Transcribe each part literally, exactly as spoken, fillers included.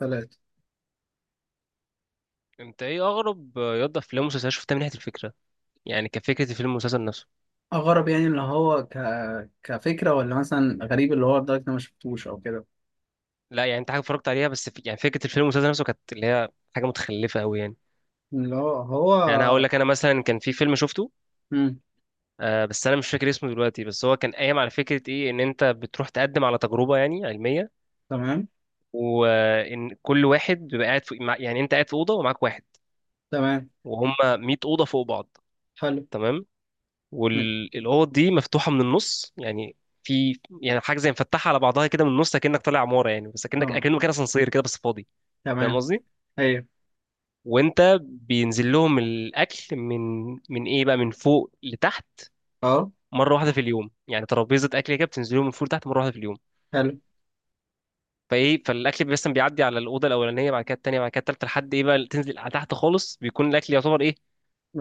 ثلاثة انت ايه اغرب يضف افلام ومسلسلات شفتها من ناحيه الفكره؟ يعني كفكره الفيلم والمسلسل نفسه. أغرب يعني اللي هو ك... كفكرة ولا مثلا غريب اللي هو لدرجة إن أنا ما شفتوش أو كده. لا يعني انت حاجه اتفرجت عليها بس في... يعني فكره الفيلم والمسلسل نفسه كانت اللي هي حاجه متخلفه قوي يعني. اللي هو يعني هقول هو. لك انا مثلا كان في فيلم شفته. مم. آه بس انا مش فاكر اسمه دلوقتي، بس هو كان قايم على فكره ايه، ان انت بتروح تقدم على تجربه يعني علميه، تمام. وان كل واحد بيبقى قاعد في... مع- يعني انت قاعد في اوضه ومعاك واحد، تمام. وهم مية اوضه فوق بعض. حلو. تمام. مم. والاوض دي مفتوحه من النص يعني، في يعني حاجه زي مفتحه على بعضها كده من النص، اكنك طالع عماره يعني، بس اكنك تمام. اكنه مكان اسانسير كده بس فاضي. فاهم تمام. قصدي؟ أيوه. وانت بينزل لهم الاكل من من ايه بقى، من فوق لتحت، أه. مره واحده في اليوم يعني. ترابيزه اكل كده بتنزل لهم من فوق لتحت مره واحده في اليوم. حلو. فايه، فالاكل بس بيعدي على الاوضه الاولانيه، بعد كده الثانيه، بعد كده الثالثه، لحد ايه بقى تنزل على تحت خالص، بيكون الاكل يعتبر ايه؟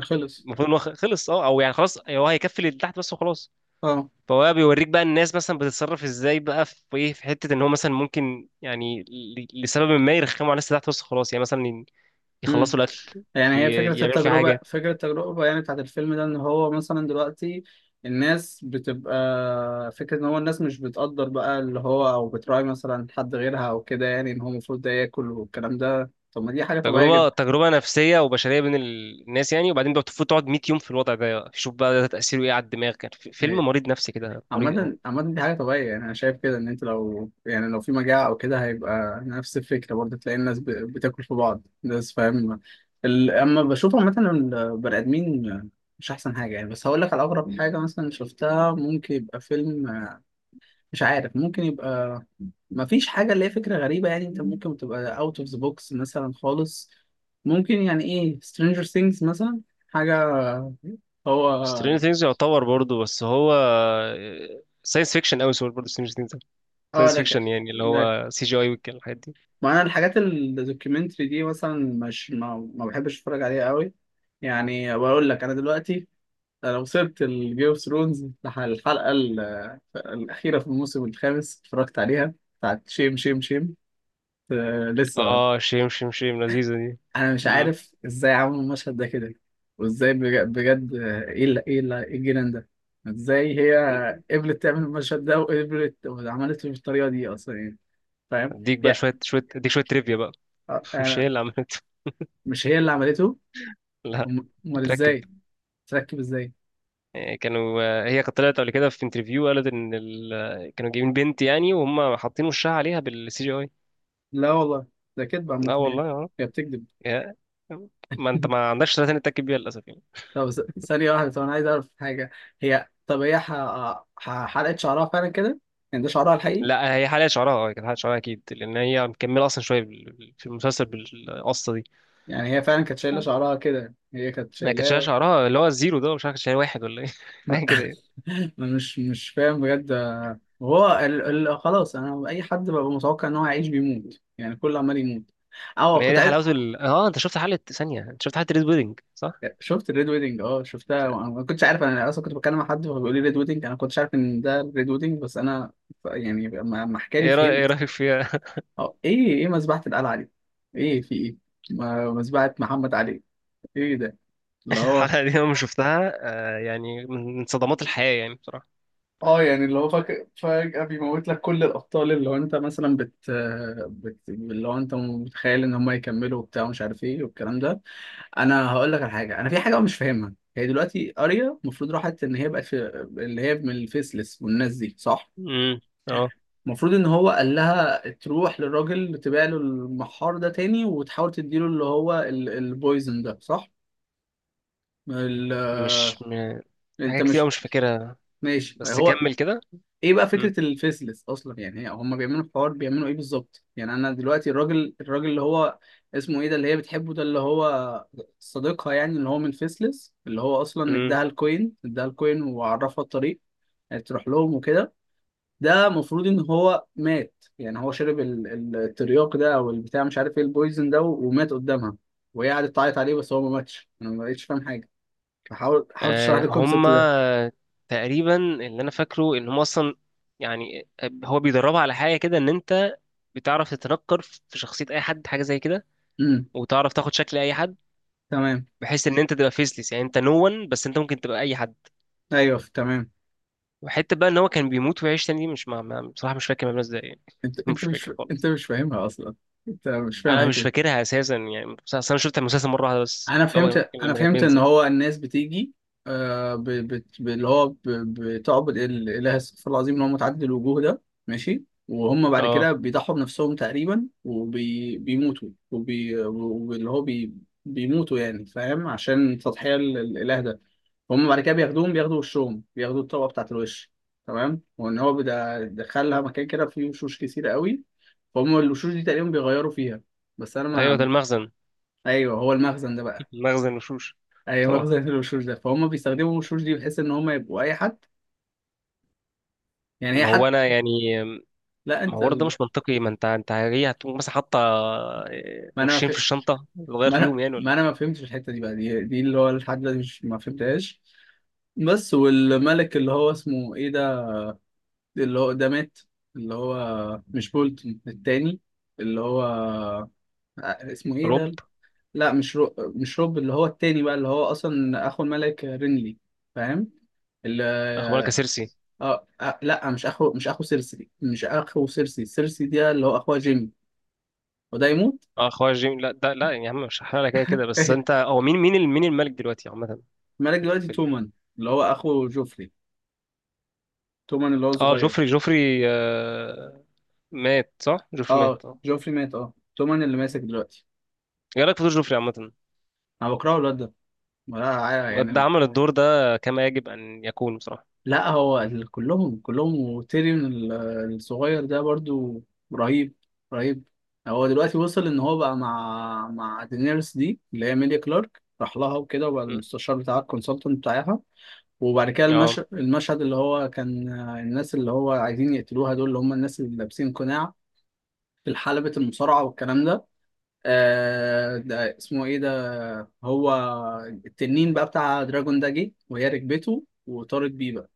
خلص. المفروض ان هو خلص، اه، او يعني خلاص، أيوه، هو هيكفي اللي تحت بس وخلاص. أه. فهو بقى بيوريك بقى الناس مثلا بتتصرف ازاي بقى، في ايه، في حته ان هو مثلا ممكن يعني ل- لسبب ما يرخموا على الناس اللي تحت وسط خلاص يعني، مثلا ي- مم. يخلصوا الاكل، يعني هي ي- فكرة يعملوا فيه التجربة حاجه. فكرة التجربة يعني بتاعت الفيلم ده إن هو مثلا دلوقتي الناس بتبقى فكرة إن هو الناس مش بتقدر بقى اللي هو أو بتراعي مثلا حد غيرها أو كده، يعني إن هو المفروض ده ياكل والكلام ده. طب ما دي حاجة طبيعية تجربه تجربه نفسيه وبشريه بين ال- الناس يعني، وبعدين بقى بتفوت تقعد مية يوم في الوضع ده، شوف بقى ده تاثيره ايه على الدماغ. كان في- فيلم جدا. مريض نفسي كده، مريض قوي. عامة عامة دي حاجة طبيعية، يعني أنا شايف كده إن أنت لو يعني لو في مجاعة أو كده هيبقى نفس الفكرة برضه، تلاقي الناس ب- بتاكل في بعض الناس، فاهم؟ ال- أما بشوف عامة البني آدمين مش أحسن حاجة يعني. بس هقول لك على أغرب حاجة مثلا شفتها. ممكن يبقى فيلم، مش عارف، ممكن يبقى مفيش حاجة اللي هي فكرة غريبة يعني. أنت ممكن تبقى أوت أوف ذا بوكس مثلا خالص. ممكن يعني إيه، سترينجر ثينجز مثلا. حاجة. سترينجر هو. ثينجز يعتبر برضه، بس هو ساينس فيكشن قوي. سوري، برضه سترينجر ثينجز اه. ساينس لك. فيكشن يعني، اللي هو سي جي اي والحاجات دي. ما انا الحاجات الدوكيومنتري دي مثلا مش ما, ما بحبش اتفرج عليها قوي. يعني بقول لك انا دلوقتي انا وصلت الجيم اوف ثرونز الحلقه ال- الاخيره في الموسم الخامس، اتفرجت عليها بتاعت شيم شيم شيم. آه لسه. اه شيم شيم شيم، لذيذه دي. انا مش عارف ازاي عملوا المشهد ده كده، وازاي بج- بجد آه، ايه ال- ايه ال- إيه الجنان ده؟ ازاي هي قبلت تعمل مم. المشهد ده وقبلت وعملته بالطريقه دي اصلا يعني؟ فاهم؟ اديك بقى يعني. شويه شويه، اديك شويه تريفيا بقى. آه، مش آه، هي اللي عملت. مش هي اللي عملته. لا، أم- امال متركب. ازاي تركب؟ ازاي؟ آه، كانوا آه، هي كانت طلعت قبل كده في انترفيو، قالت ان ال... آه، كانوا جايبين بنت يعني، وهم حاطين وشها عليها بالسي جي اي. لا والله ده كدب. عامة لا هي والله، اه. هي بتكذب. يا- ما انت ما عندكش ثلاثه تتاكد بيها للاسف يعني. طب س- ثانية واحدة، طب أنا عايز أعرف حاجة. هي طب هي ح... ح... حلقت شعرها فعلا كده؟ يعني ده شعرها الحقيقي؟ لا هي حاليا شعرها، اه كانت حاليا شعرها اكيد، لان هي مكمله اصلا شويه بال- بال- في المسلسل بالقصه دي. يعني هي فعلا كانت شايلة آه. شعرها كده، هي كانت ما كانتش لها شايلاه؟ شعرها اللي هو الزيرو ده، مش عارف كانت شايل واحد ولا ايه ما- حاجه كده يعني. أنا مش مش فاهم بجد. هو ال... ال... خلاص، أنا أي حد ببقى متوقع إن هو هيعيش بيموت يعني، كله عمال يموت. أه ما هي كنت دي عايز. حلاوه ال... اه انت شفت حلقه ثانيه، انت شفت حلقه ريد ويدنج صح؟ شفت الريد ويدنج، اه شفتها، وانا ما كنتش عارف. انا اصلا كنت بتكلم مع حد فهو بيقول لي ريد ويدنج، انا ما كنتش عارف ان ده الريد ويدنج، بس انا ف- يعني لما لما حكى لي ايه رأي- إيه فهمت. رايك فيها؟ اه ايه ايه مذبحة القلعة دي؟ ايه في ايه؟ ما- مذبحة محمد علي؟ ايه ده؟ اللي هو. الحلقة دي أنا لما شفتها، آه، يعني من من صدمات الحياة يعني بصراحة. اه يعني اللي هو فك... فجأة بيموت لك كل الأبطال، اللي هو أنت مثلا بت... بت... اللي هو أنت متخيل إن هم يكملوا وبتاع ومش عارف إيه والكلام ده. أنا هقول لك على حاجة، أنا في حاجة مش فاهمها. هي دلوقتي أريا المفروض راحت إن هي بقت في اللي هي من الفيسلس والناس دي، صح؟ امم. اه المفروض إن هو قال لها تروح للراجل تبيع له المحار ده تاني وتحاول تديله اللي هو ال... البويزن ده، صح؟ ال... مش م... أنت حاجات كتير أوي مش. مش فاكرها، ماشي بس هو. كمل كده. ايه بقى امم. فكره الفيسلس اصلا يعني؟ هي- هم بيعملوا الحوار بيعملوا ايه بالظبط يعني؟ انا دلوقتي الراجل الراجل اللي هو اسمه ايه ده اللي هي بتحبه ده، اللي هو صديقها يعني، اللي هو من فيسلس، اللي هو اصلا امم. اداها الكوين، اداها الكوين وعرفها الطريق يعني تروح لهم وكده. ده المفروض ان هو مات يعني، هو شرب ال- ال- الترياق ده او البتاع، مش عارف ايه البويزن ده، ومات قدامها، وهي قعدت تعيط عليه، بس هو ما ماتش. انا ما بقتش فاهم حاجه. فحاول حاول تشرح آه، لي الكونسيبت هما ده. تقريبا اللي أنا فاكره إن هما أصلا يعني، آه، هو بيدربها على حاجة كده، إن أنت بتعرف تتنكر في شخصية أي حد، حاجة زي كده، امم. وتعرف تاخد شكل أي حد، تمام. بحيث إن أنت تبقى فيسلس يعني، أنت نو ون، بس أنت ممكن تبقى أي حد. ايوه تمام. وحتة بقى إن هو كان بيموت ويعيش تاني دي مش مع... مع... بصراحة مش فاكر مبنى إزاي يعني. انت مش انت مش فاكر انت خالص. مش فاهمها اصلا. انت مش فاهم انا الحته مش دي. فاكرها اساسا يعني، بس أصل انا شفت المسلسل مره واحده بس، انا اللي هو لما فهمت، انا كان فهمت ان بينزل. هو الناس بتيجي آه ب... بت... ب... اللي هو ب... بتعبد الاله، استغفر الله العظيم، اللي هو متعدد الوجوه ده، ماشي، وهم بعد اه، كده بيضحوا بنفسهم تقريبا وبيموتوا وبي... وبي... واللي هو بي... بيموتوا يعني، فاهم، عشان تضحية ال- الاله ده. هم بعد كده بياخدوهم، بياخدوا وشهم، بياخدوا الطبقه بتاعت الوش. تمام. وان هو بدا- دخلها مكان كده فيه وشوش كتير قوي. فهم الوشوش دي تقريبا بيغيروا فيها. بس انا ايوه ده ما. المخزن. ايوه هو المخزن ده بقى. مخزن الوشوش. ايوه اه، مخزن الوشوش ده. فهم بيستخدموا الوشوش دي بحيث ان هم يبقوا اي حد. يعني هي ما هو حد. انا يعني، لا ما انت هو ده ال... مش منطقي. ما انت انت هي هتقوم مثلا حاطه، آه، ما انا ما, ف... وشين في الشنطه تغير ما فيهم انا يعني ما ولا انا إيه؟ ما فهمتش الحته دي بقى، دي, دي اللي هو لحد دلوقتي مش ما فهمتهاش. بس والملك اللي هو اسمه ايه ده، اللي هو ده مات، اللي هو مش بولتون التاني، اللي هو آه، اسمه ايه روب. ده؟ لا مش رو... مش روب، اللي هو التاني بقى، اللي هو اصلا اخو الملك رينلي. فاهم؟ اخبارك يا اللي... سيرسي. آه... آه... لا مش اخو، مش اخو سيرسي، مش اخو سيرسي. سيرسي دي اللي هو اخوها جيمي. وده يموت. اه اخويا جيم، لا ده، لا يا عم مش هحرق لك كده كده، بس انت هو مين، مين ال- مين الملك دلوقتي عامه؟ الملك في ال- دلوقتي في ال- تومان، اللي هو اخو جوفري. تومان اللي هو اه صغير. جوفري، جوفري، آه، مات صح؟ جوفري مات اه اه. جوفري مات، اه تومان اللي ماسك دلوقتي. ايه رايك في دور جوفري عامه؟ انا بكرهه الواد ده، ولا يعني. ده عمل الدور ده كما يجب أن يكون بصراحة. لا هو ال- كلهم كلهم. وتيريون ال- الصغير ده برضو رهيب. رهيب. هو دلوقتي وصل ان هو بقى مع مع دينيرس دي اللي هي ميليا كلارك، راح لها وكده وبقى م. المستشار بتاعها، الكونسلتنت بتاعها. وبعد كده اه المش... المشهد اللي هو كان آه، الناس اللي هو عايزين يقتلوها دول، اللي هم الناس اللي لابسين قناع في حلبة المصارعة والكلام ده. آه ده اسمه ايه ده. هو التنين بقى بتاع دراجون ده جه وهي ركبته وطارت بيه بقى.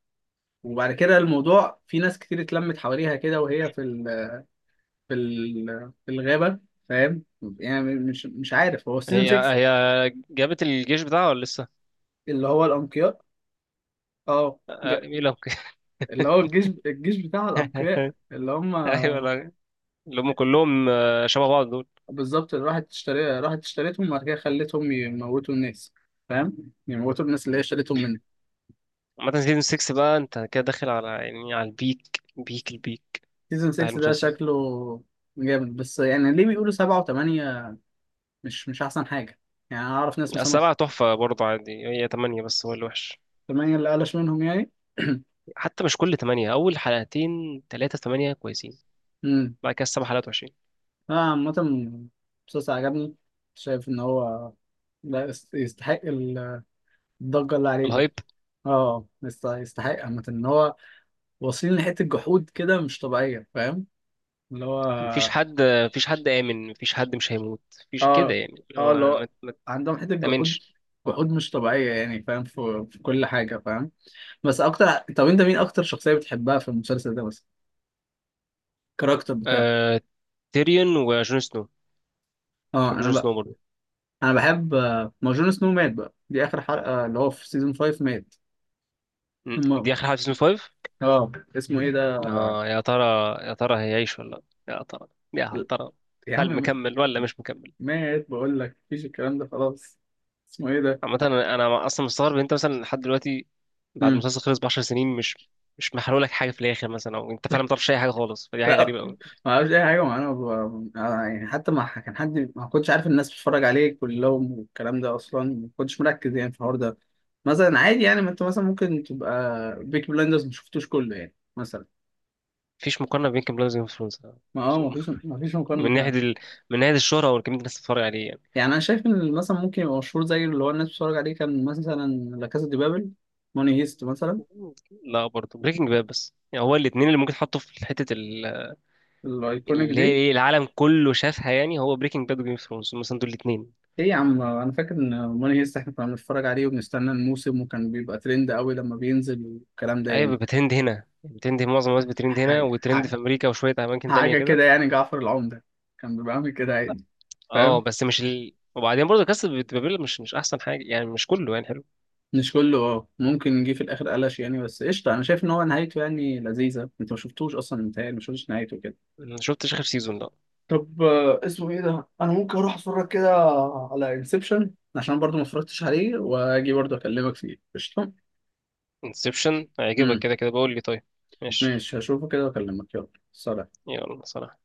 وبعد كده الموضوع في ناس كتير اتلمت حواليها كده، وهي في ال في ال في الغابة. فاهم؟ يعني مش مش عارف، هو سيزون هي ستة. هي جابت الجيش بتاعها ولا لسه؟ اللي هو الأنقياء. اه آه، آه، ج- ايه لو ك- اللي هو الجيش الجيش بتاع الأنقياء. اللي هم ايوه. لا اللي هم كلهم، آه، شبه بعض دول. بالظبط اللي راحت اشتري راحت اشتريتهم، وبعد كده خلتهم يموتوا الناس. فاهم، يموتوا الناس اللي هي اشتريتهم منه. عامة سيزون ستة بقى انت كده داخل على يعني على البيك بيك البيك سيزون بتاع ستة ده المسلسل. شكله جامد، بس يعني ليه بيقولوا سبعة وثمانية مش مش أحسن حاجة يعني؟ أنا أعرف ناس مثلا. السبعة تحفة برضه عادي، هي تمانية بس هو اللي وحش. ثمانية اللي قلش منهم يعني. حتى مش كل تمانية، أول حلقتين تلاتة تمانية كويسين، بعد كده السبع حلقات وحشين. لا عامة المسلسل عجبني. شايف إن هو لا يست- يستحق الضجة اللي عليه دي. الهايب. اه يست- يستحق عامة إن هو واصلين لحتة جحود كده مش طبيعية. فاهم؟ اللي هو مفيش حد مفيش حد آمن، مفيش حد مش هيموت. مفيش كده اه. يعني، اه هو اللي هو ما ما عندهم حتة جحود. تأمنش. جحود مش طبيعية يعني. فاهم؟ في, في كل حاجة. فاهم؟ بس أكتر. طب أنت مين أكتر شخصية بتحبها في المسلسل ده بس، الكاركتر بتاعه؟ آه... تيريون وجون سنو. اه بحب أنا جون سنو بقى. برضه. أنا بحب آه، ما هو جون سنو مات بقى، دي آخر حلقة اللي هو في سيزون خمسة. مم. مات دي آخر حلقة في سيزون خمسة. اه. اسمه ايه ده. اه يا ترى، يا ترى هيعيش ولا لا؟ يا ترى، يا هل ترى يا هل عم مكمل ولا مش مكمل؟ مات بقول لك، مفيش الكلام ده خلاص. اسمه ايه ده. عامة انا أنا اصلا مستغرب إن انت مثلا لحد دلوقتي، بعد مم. المسلسل خلص ب عشر سنين، مش مش محرق لك حاجة في الآخر مثلا، او انت فعلا ما تعرفش اي حاجة خالص، فدي حاجة لا غريبة قوي. ما اعرفش اي حاجه معانا ب... أنا يعني حتى ما ح- كان حد ما كنتش عارف الناس بتتفرج عليه كلهم والكلام ده اصلا. ما كنتش مركز يعني في الحوار ده مثلا، عادي يعني. ما انت مثلا ممكن تبقى بيك بلايندرز ما شفتوش كله يعني مثلا. مفيش مقارنة بين كيم بلاد وجيم اوف ثرونز. ما اه ما فيش ما فيش مقارنه من ناحية فعلا. ال... من ناحية الشهرة او كمية الناس اللي بتتفرج عليه يعني. يعني انا شايف ان مثلا ممكن يبقى مشهور زي اللي هو الناس بتتفرج عليه كان مثلا لا كاسا دي بابل، موني هيست مثلا. لا برضه بريكنج باد، بس يعني هو الاتنين اللي ممكن تحطوا في حتة ال... الايكونيك اللي هي دي. ايه، العالم كله شافها يعني، هو بريكنج باد وجيم اوف ثرونز مثلا، دول الاثنين. ايه يا عم انا فاكر ان ماني هيست احنا كنا بنتفرج عليه وبنستنى الموسم، وكان بيبقى ترند قوي لما بينزل والكلام ده ايوه يعني. بترند هنا، بترند هنا، معظم الناس بترند هنا، حاجه وترند في حاجه امريكا وشويه اماكن تانية حاجه كده. كده يعني، جعفر العمدة كان بيبقى عامل كده عادي. اه فاهم؟ بس مش ال... وبعدين برضه كاس بابيل مش مش احسن حاجه يعني، مش كله يعني حلو. مش كله اه، ممكن يجي في الاخر قلش يعني، بس قشطه. انا شايف ان هو نهايته يعني لذيذه. انت ما شفتوش اصلا؟ متهيألي ما شفتش نهايته كده. انا شفتش اخر سيزون ده. طب آه، اسمه ايه ده، انا ممكن اروح اتفرج كده على انسبشن عشان برضو ما اتفرجتش عليه، واجي برضو اكلمك فيه، قشطه. انسبشن هيعجبك امم. كده كده بقول لي. طيب، ماشي. ماشي. هشوفه كده واكلمك، يلا سلام. يلا سلام.